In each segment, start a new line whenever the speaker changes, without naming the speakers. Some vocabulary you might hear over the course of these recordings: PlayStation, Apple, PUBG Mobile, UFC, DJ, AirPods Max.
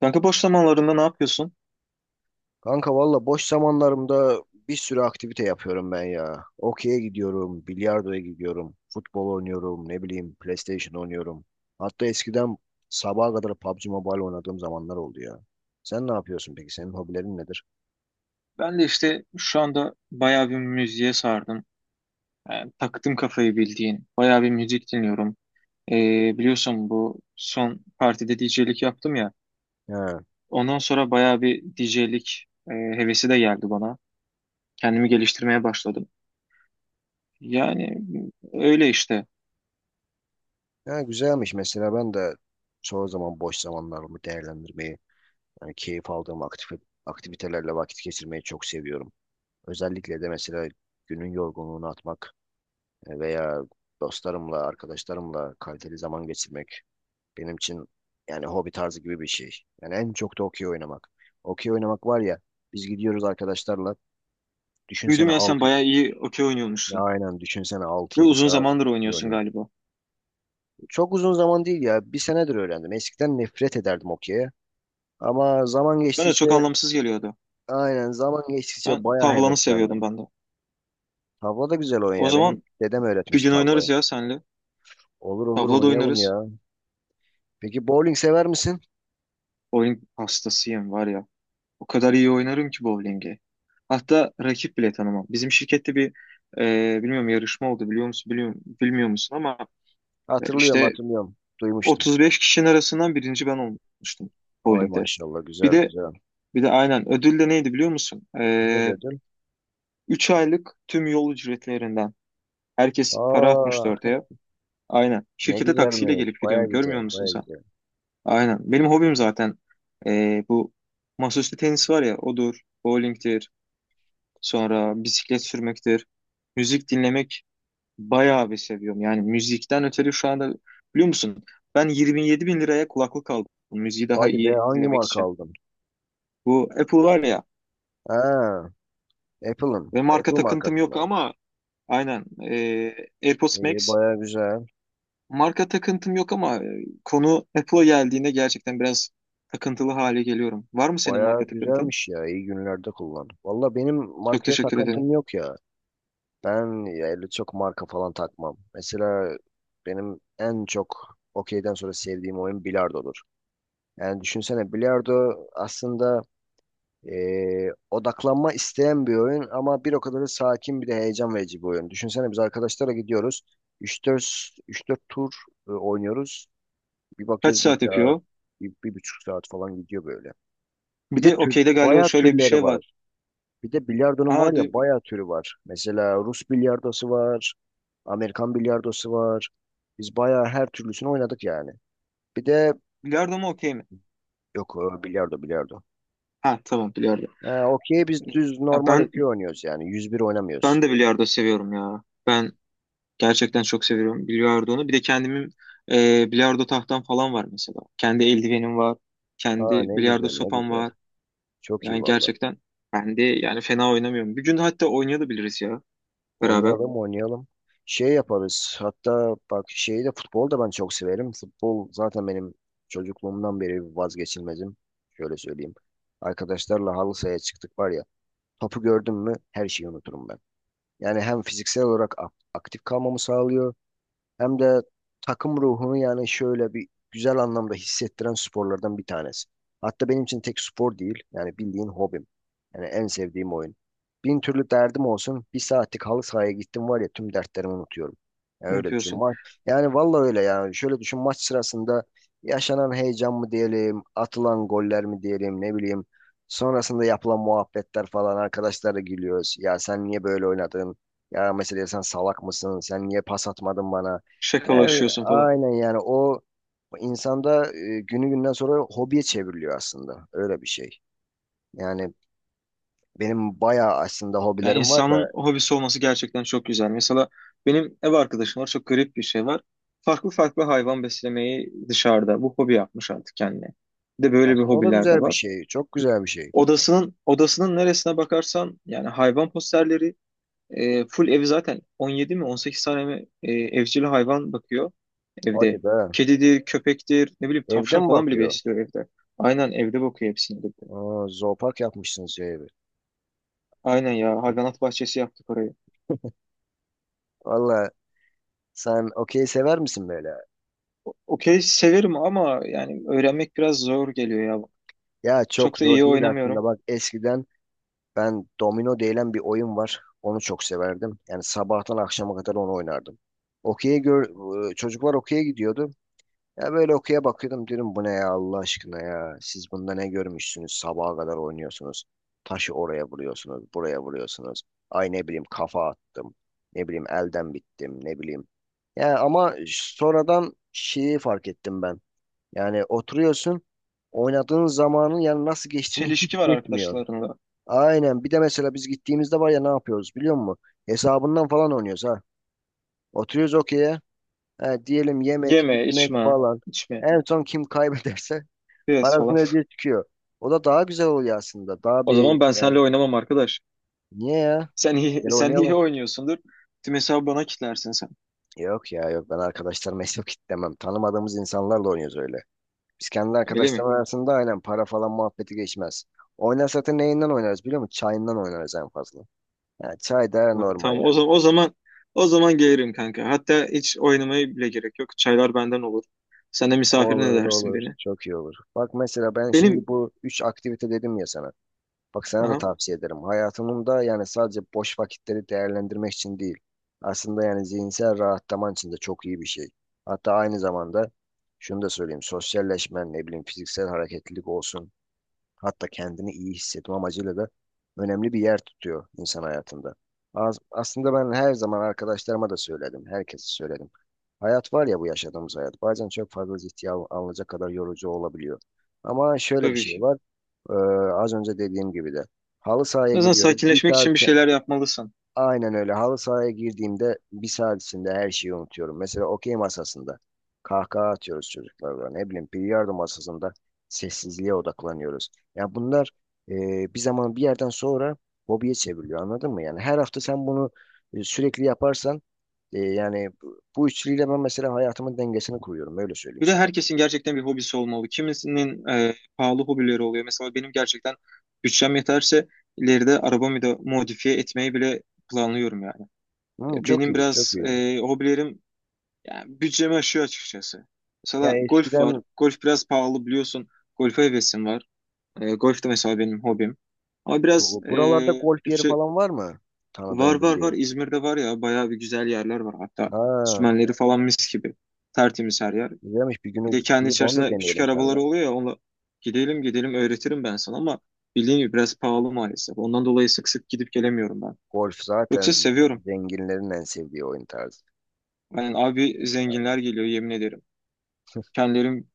Kanka boş zamanlarında ne yapıyorsun?
Kanka valla boş zamanlarımda bir sürü aktivite yapıyorum ben ya. Okey'e gidiyorum, bilardoya gidiyorum, futbol oynuyorum, ne bileyim PlayStation oynuyorum. Hatta eskiden sabaha kadar PUBG Mobile oynadığım zamanlar oldu ya. Sen ne yapıyorsun peki? Senin hobilerin nedir?
Ben de işte şu anda bayağı bir müziğe sardım. Yani taktım kafayı bildiğin. Bayağı bir müzik dinliyorum. Biliyorsun bu son partide DJ'lik yaptım ya.
Ha,
Ondan sonra bayağı bir DJ'lik hevesi de geldi bana. Kendimi geliştirmeye başladım. Yani öyle işte.
ha güzelmiş. Mesela ben de çoğu zaman boş zamanlarımı değerlendirmeyi, yani keyif aldığım aktivitelerle vakit geçirmeyi çok seviyorum. Özellikle de mesela günün yorgunluğunu atmak veya dostlarımla, arkadaşlarımla kaliteli zaman geçirmek benim için yani hobi tarzı gibi bir şey. Yani en çok da okey oynamak. Okey oynamak var ya biz gidiyoruz arkadaşlarla
Duydum
düşünsene
ya sen
6
bayağı iyi okey
ya
oynuyormuşsun.
aynen düşünsene 6
Ve
yedi
uzun
saat
zamandır
okey
oynuyorsun
oynuyor.
galiba.
Çok uzun zaman değil ya. Bir senedir öğrendim. Eskiden nefret ederdim okey'e. Ama zaman
Bana de
geçtikçe
çok anlamsız geliyordu.
aynen zaman geçtikçe
Ben
bayağı
tavlanı seviyordum
heveslendim.
ben de.
Tavla da güzel oyun
O
ya. Benim
zaman
dedem
bir
öğretmiş
gün oynarız
tavlayı.
ya senle.
Olur olur
Tavla da
oynayalım
oynarız.
ya. Peki bowling sever misin?
Oyun hastasıyım var ya. O kadar iyi oynarım ki bowling'i. Hatta rakip bile tanımam. Bizim şirkette bir bilmiyorum yarışma oldu, biliyor musun, biliyor, bilmiyor musun, ama
Hatırlıyorum
işte
hatırlıyorum. Duymuştum.
35 kişinin arasından birinci ben olmuştum
Ay
bowling'de.
maşallah
Bir
güzel
de
güzel.
bir de aynen ödül de neydi biliyor musun?
Ne diyordun?
3 aylık tüm yol ücretlerinden herkes para
Aa
atmıştı ortaya. Aynen.
ne
Şirkete taksiyle
güzelmiş.
gelip
Baya
gidiyorum. Görmüyor
güzel
musun
baya
sen?
güzel.
Aynen. Benim hobim zaten bu masaüstü tenis var ya, odur, bowling'tir. Sonra bisiklet sürmektir. Müzik dinlemek bayağı bir seviyorum. Yani müzikten ötürü şu anda biliyor musun? Ben 27 bin liraya kulaklık aldım. Müziği daha
Hadi be
iyi
hangi
dinlemek
marka
için.
aldın?
Bu Apple var ya
Ha Apple'ın.
ve marka
Apple
takıntım
markası
yok
mı?
ama aynen AirPods
Ee,
Max,
baya güzel.
marka takıntım yok ama konu Apple'a geldiğinde gerçekten biraz takıntılı hale geliyorum. Var mı senin
Baya
marka takıntın?
güzelmiş ya. İyi günlerde kullan. Valla benim
Çok
markaya
teşekkür ederim.
takıntım yok ya. Ben ya öyle çok marka falan takmam. Mesela benim en çok okeyden sonra sevdiğim oyun bilardodur. Yani düşünsene bilardo aslında Odaklanma isteyen bir oyun ama bir o kadar da sakin bir de heyecan verici bir oyun. Düşünsene biz arkadaşlara gidiyoruz. Üç dört üç dört tur oynuyoruz. Bir
Kaç
bakıyoruz bir
saat
saat,
yapıyor?
bir buçuk saat falan gidiyor böyle.
Bir
Bir de
de okeyde galiba
bayağı
şöyle bir
türleri
şey var.
var. Bir de bilardonun
Aa,
var ya bayağı türü var. Mesela Rus bilardosu var. Amerikan bilardosu var. Biz bayağı her türlüsünü oynadık yani. Bir de
bilardo mu, okey mi?
yok bilardo bilardo.
Ha, tamam, bilardo.
Ha, okey biz düz
Ya
normal
ben
okey oynuyoruz yani. 101 oynamıyoruz.
ben de bilardo seviyorum ya. Ben gerçekten çok seviyorum bilardonu. Bir de kendimin bilardo tahtam falan var mesela. Kendi eldivenim var.
Aa
Kendi
ne
bilardo
güzel ne
sopam
güzel.
var.
Çok iyi
Yani
valla.
gerçekten ben de yani fena oynamıyorum. Bir gün hatta oynayabiliriz ya beraber.
Oynayalım oynayalım. Şey yaparız. Hatta bak şeyi de futbol da ben çok severim. Futbol zaten benim çocukluğumdan beri vazgeçilmezim. Şöyle söyleyeyim. Arkadaşlarla halı sahaya çıktık var ya. Topu gördüm mü her şeyi unuturum ben. Yani hem fiziksel olarak aktif kalmamı sağlıyor. Hem de takım ruhunu yani şöyle bir güzel anlamda hissettiren sporlardan bir tanesi. Hatta benim için tek spor değil. Yani bildiğin hobim. Yani en sevdiğim oyun. Bin türlü derdim olsun. Bir saatlik halı sahaya gittim var ya tüm dertlerimi unutuyorum. Yani öyle düşün.
Unutuyorsun.
Yani vallahi öyle yani. Şöyle düşün maç sırasında yaşanan heyecan mı diyelim, atılan goller mi diyelim ne bileyim. Sonrasında yapılan muhabbetler falan arkadaşlarla gülüyoruz. Ya sen niye böyle oynadın? Ya mesela sen salak mısın? Sen niye pas atmadın bana? Evet,
Şakalaşıyorsun falan.
aynen yani o insanda günü günden sonra hobiye çevriliyor aslında. Öyle bir şey. Yani benim bayağı aslında
Yani
hobilerim var
insanın
da
hobisi olması gerçekten çok güzel. Mesela benim ev arkadaşım var. Çok garip bir şey var. Farklı farklı hayvan beslemeyi dışarıda. Bu hobi yapmış artık kendine. Bir de böyle bir
aslında o da
hobiler de
güzel bir
var.
şey. Çok güzel bir şey.
Odasının neresine bakarsan yani hayvan posterleri, full evi zaten 17 mi 18 tane mi evcil hayvan bakıyor
Hadi
evde.
be.
Kedidir, köpektir, ne bileyim
Evde
tavşan
mi
falan bile
bakıyor?
besliyor evde. Aynen evde bakıyor hepsini de.
Aa, zoopark yapmışsınız şey evi.
Aynen ya, hayvanat bahçesi yaptık orayı.
Valla sen okey sever misin böyle?
Okey severim ama yani öğrenmek biraz zor geliyor ya.
Ya çok
Çok da
zor
iyi
değil aslında.
oynamıyorum.
Bak eskiden ben domino denilen bir oyun var. Onu çok severdim. Yani sabahtan akşama kadar onu oynardım. Okey'e gör, çocuklar okey'e gidiyordu. Ya böyle okuya bakıyordum dedim bu ne ya Allah aşkına ya. Siz bunda ne görmüşsünüz? Sabaha kadar oynuyorsunuz. Taşı oraya vuruyorsunuz, buraya vuruyorsunuz. Ay ne bileyim kafa attım. Ne bileyim elden bittim, ne bileyim. Ya ama sonradan şeyi fark ettim ben. Yani oturuyorsun, oynadığın zamanın yani nasıl geçtiğini
Çelişki var
hissetmiyorsun.
arkadaşlarımla.
Aynen. Bir de mesela biz gittiğimizde var ya ne yapıyoruz biliyor musun? Hesabından falan oynuyoruz ha. Oturuyoruz okey diyelim yemek,
Yeme,
içmek
içme,
falan.
içme,
En son kim kaybederse
biraz falan.
parasını ödeye çıkıyor. O da daha güzel oluyor aslında. Daha
O zaman
bir
ben
yani
seninle oynamam arkadaş.
niye ya?
Sen iyi,
Gel
sen iyi
oynayalım.
oynuyorsundur. Tüm hesabı bana kitlersin sen.
Yok ya yok ben arkadaşlarıma yok demem. Tanımadığımız insanlarla oynuyoruz öyle. Biz kendi
Öyle mi?
arkadaşlarımız arasında aynen para falan muhabbeti geçmez. Oynarsak da neyinden oynarız biliyor musun? Çayından oynarız en fazla. Yani çay da
Ha,
normal
tamam, o
yani.
zaman o zaman o zaman gelirim kanka. Hatta hiç oynamaya bile gerek yok. Çaylar benden olur. Sen de misafirin
Olur
edersin
olur
beni.
çok iyi olur. Bak mesela ben şimdi
Benim,
bu üç aktivite dedim ya sana. Bak sana da
aha,
tavsiye ederim. Hayatının da yani sadece boş vakitleri değerlendirmek için değil. Aslında yani zihinsel rahatlaman için de çok iyi bir şey. Hatta aynı zamanda şunu da söyleyeyim. Sosyalleşmen, ne bileyim fiziksel hareketlilik olsun. Hatta kendini iyi hissetme amacıyla da önemli bir yer tutuyor insan hayatında. Aslında ben her zaman arkadaşlarıma da söyledim. Herkese söyledim. Hayat var ya bu yaşadığımız hayat. Bazen çok fazla ciddiye alınacak kadar yorucu olabiliyor. Ama şöyle bir
tabii
şey
ki.
var. Ee, az önce dediğim gibi de. Halı
O
sahaya
yüzden
giriyorum. Bir
sakinleşmek
saat.
için bir şeyler yapmalısın.
Aynen öyle. Halı sahaya girdiğimde bir saat içinde her şeyi unutuyorum. Mesela okey masasında kahkaha atıyoruz çocuklarla. Ne bileyim bilardo masasında sessizliğe odaklanıyoruz. Ya bunlar bir zaman bir yerden sonra hobiye çevriliyor anladın mı? Yani her hafta sen bunu sürekli yaparsan yani bu üçlüyle ben mesela hayatımın dengesini kuruyorum. Öyle söyleyeyim
Bir de
sana bu.
herkesin gerçekten bir hobisi olmalı. Kimisinin pahalı hobileri oluyor. Mesela benim gerçekten bütçem yeterse ileride arabamı da modifiye etmeyi bile planlıyorum yani.
Hmm, çok
Benim
iyi, çok
biraz
iyi.
hobilerim yani bütçemi aşıyor açıkçası.
Ya
Mesela golf var.
eskiden
Golf biraz pahalı biliyorsun. Golfe hevesim var. Golf de mesela benim hobim. Ama biraz
buralarda golf yeri
bütçe.
falan var mı?
Var,
Tanıdığım
var, var.
bildiğin.
İzmir'de var ya, bayağı bir güzel yerler var. Hatta
Ha.
sümenleri falan mis gibi. Tertemiz her yer.
Güzelmiş bir
Bir
günü
de kendi
gidip onu da
içerisinde küçük
deneyelim
arabaları
seninle.
oluyor ya, onunla gidelim gidelim, öğretirim ben sana, ama bildiğin gibi biraz pahalı maalesef. Ondan dolayı sık sık gidip gelemiyorum ben.
Golf
Yoksa
zaten
seviyorum.
zenginlerin en sevdiği oyun tarzı.
Yani abi
Yani,
zenginler geliyor, yemin ederim. Kendilerim.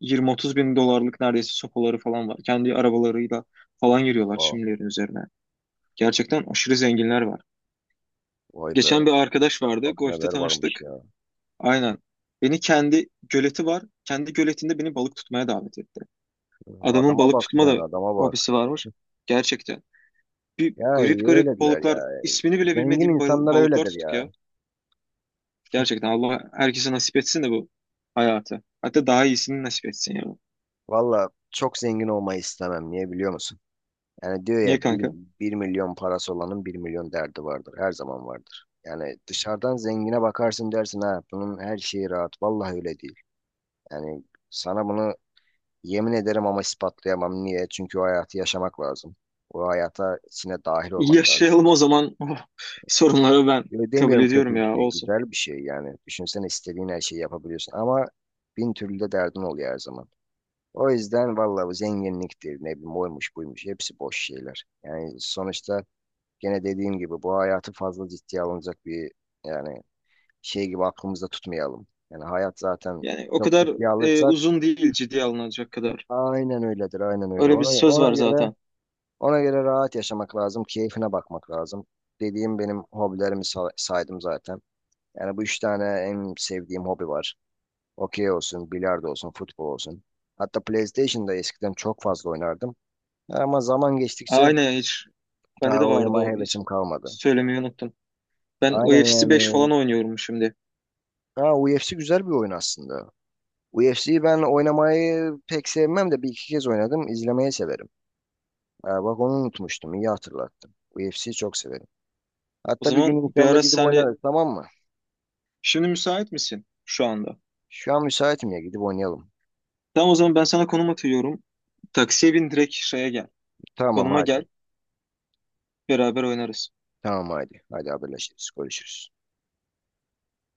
20-30 bin dolarlık neredeyse sopaları falan var. Kendi arabalarıyla falan giriyorlar
oha,
şimdilerin üzerine. Gerçekten aşırı zenginler var.
vay be
Geçen bir arkadaş vardı.
bak
Golf'te
neler varmış
tanıştık.
ya.
Aynen. Beni kendi göleti var. Kendi göletinde beni balık tutmaya davet etti. Adamın
Adama
balık
bak
tutma
sen
da
adama bak.
hobisi varmış. Gerçekten. Bir
Ya
garip
iyi
garip
öyledir
balıklar,
ya.
ismini bile
Zengin
bilmediğim
insanlar
balıklar
öyledir
tutuk ya.
ya.
Gerçekten Allah herkese nasip etsin de bu hayatı. Hatta daha iyisini nasip etsin ya.
Valla çok zengin olmayı istemem. Niye biliyor musun? Yani diyor
Niye
ya
kanka?
1 milyon parası olanın 1 milyon derdi vardır. Her zaman vardır. Yani dışarıdan zengine bakarsın dersin ha bunun her şeyi rahat. Vallahi öyle değil. Yani sana bunu. Yemin ederim ama ispatlayamam. Niye? Çünkü o hayatı yaşamak lazım. O hayata içine dahil olmak lazım.
Yaşayalım o zaman. Oh, sorunları ben
Öyle
kabul
demiyorum
ediyorum
kötü bir
ya,
şey,
olsun.
güzel bir şey yani. Düşünsene istediğin her şeyi yapabiliyorsun ama bin türlü de derdin oluyor her zaman. O yüzden vallahi bu zenginliktir, ne bileyim oymuş buymuş hepsi boş şeyler. Yani sonuçta gene dediğim gibi bu hayatı fazla ciddiye alınacak bir yani şey gibi aklımızda tutmayalım. Yani hayat zaten
Yani o
çok
kadar
ciddiye alırsak
uzun değil ciddiye alınacak kadar.
aynen öyledir, aynen öyle.
Öyle bir
Ona,
söz
ona
var
göre.
zaten.
Ona göre rahat yaşamak lazım, keyfine bakmak lazım. Dediğim benim hobilerimi saydım zaten. Yani bu üç tane en sevdiğim hobi var. Okey olsun, bilardo olsun, futbol olsun. Hatta PlayStation'da eskiden çok fazla oynardım. Ama zaman
Ha,
geçtikçe
aynen, hiç, bende
daha
de vardı
oynamaya
o. Hiç
hevesim kalmadı.
söylemeyi unuttum. Ben
Aynen
UFC 5
yani.
falan oynuyorum şimdi.
Ha, UFC güzel bir oyun aslında. UFC'yi ben oynamayı pek sevmem de bir iki kez oynadım. İzlemeyi severim. Ha, bak onu unutmuştum. İyi hatırlattın. UFC'yi çok severim.
O
Hatta bir gün
zaman bir
inşallah
ara
gidip
senle,
oynarız tamam mı?
şimdi müsait misin şu anda?
Şu an müsaitim ya gidip oynayalım.
Tamam o zaman ben sana konum atıyorum. Taksiye bin, direkt şeye gel.
Tamam
Konuma
hadi.
gel. Beraber oynarız.
Tamam hadi. Hadi haberleşiriz. Görüşürüz.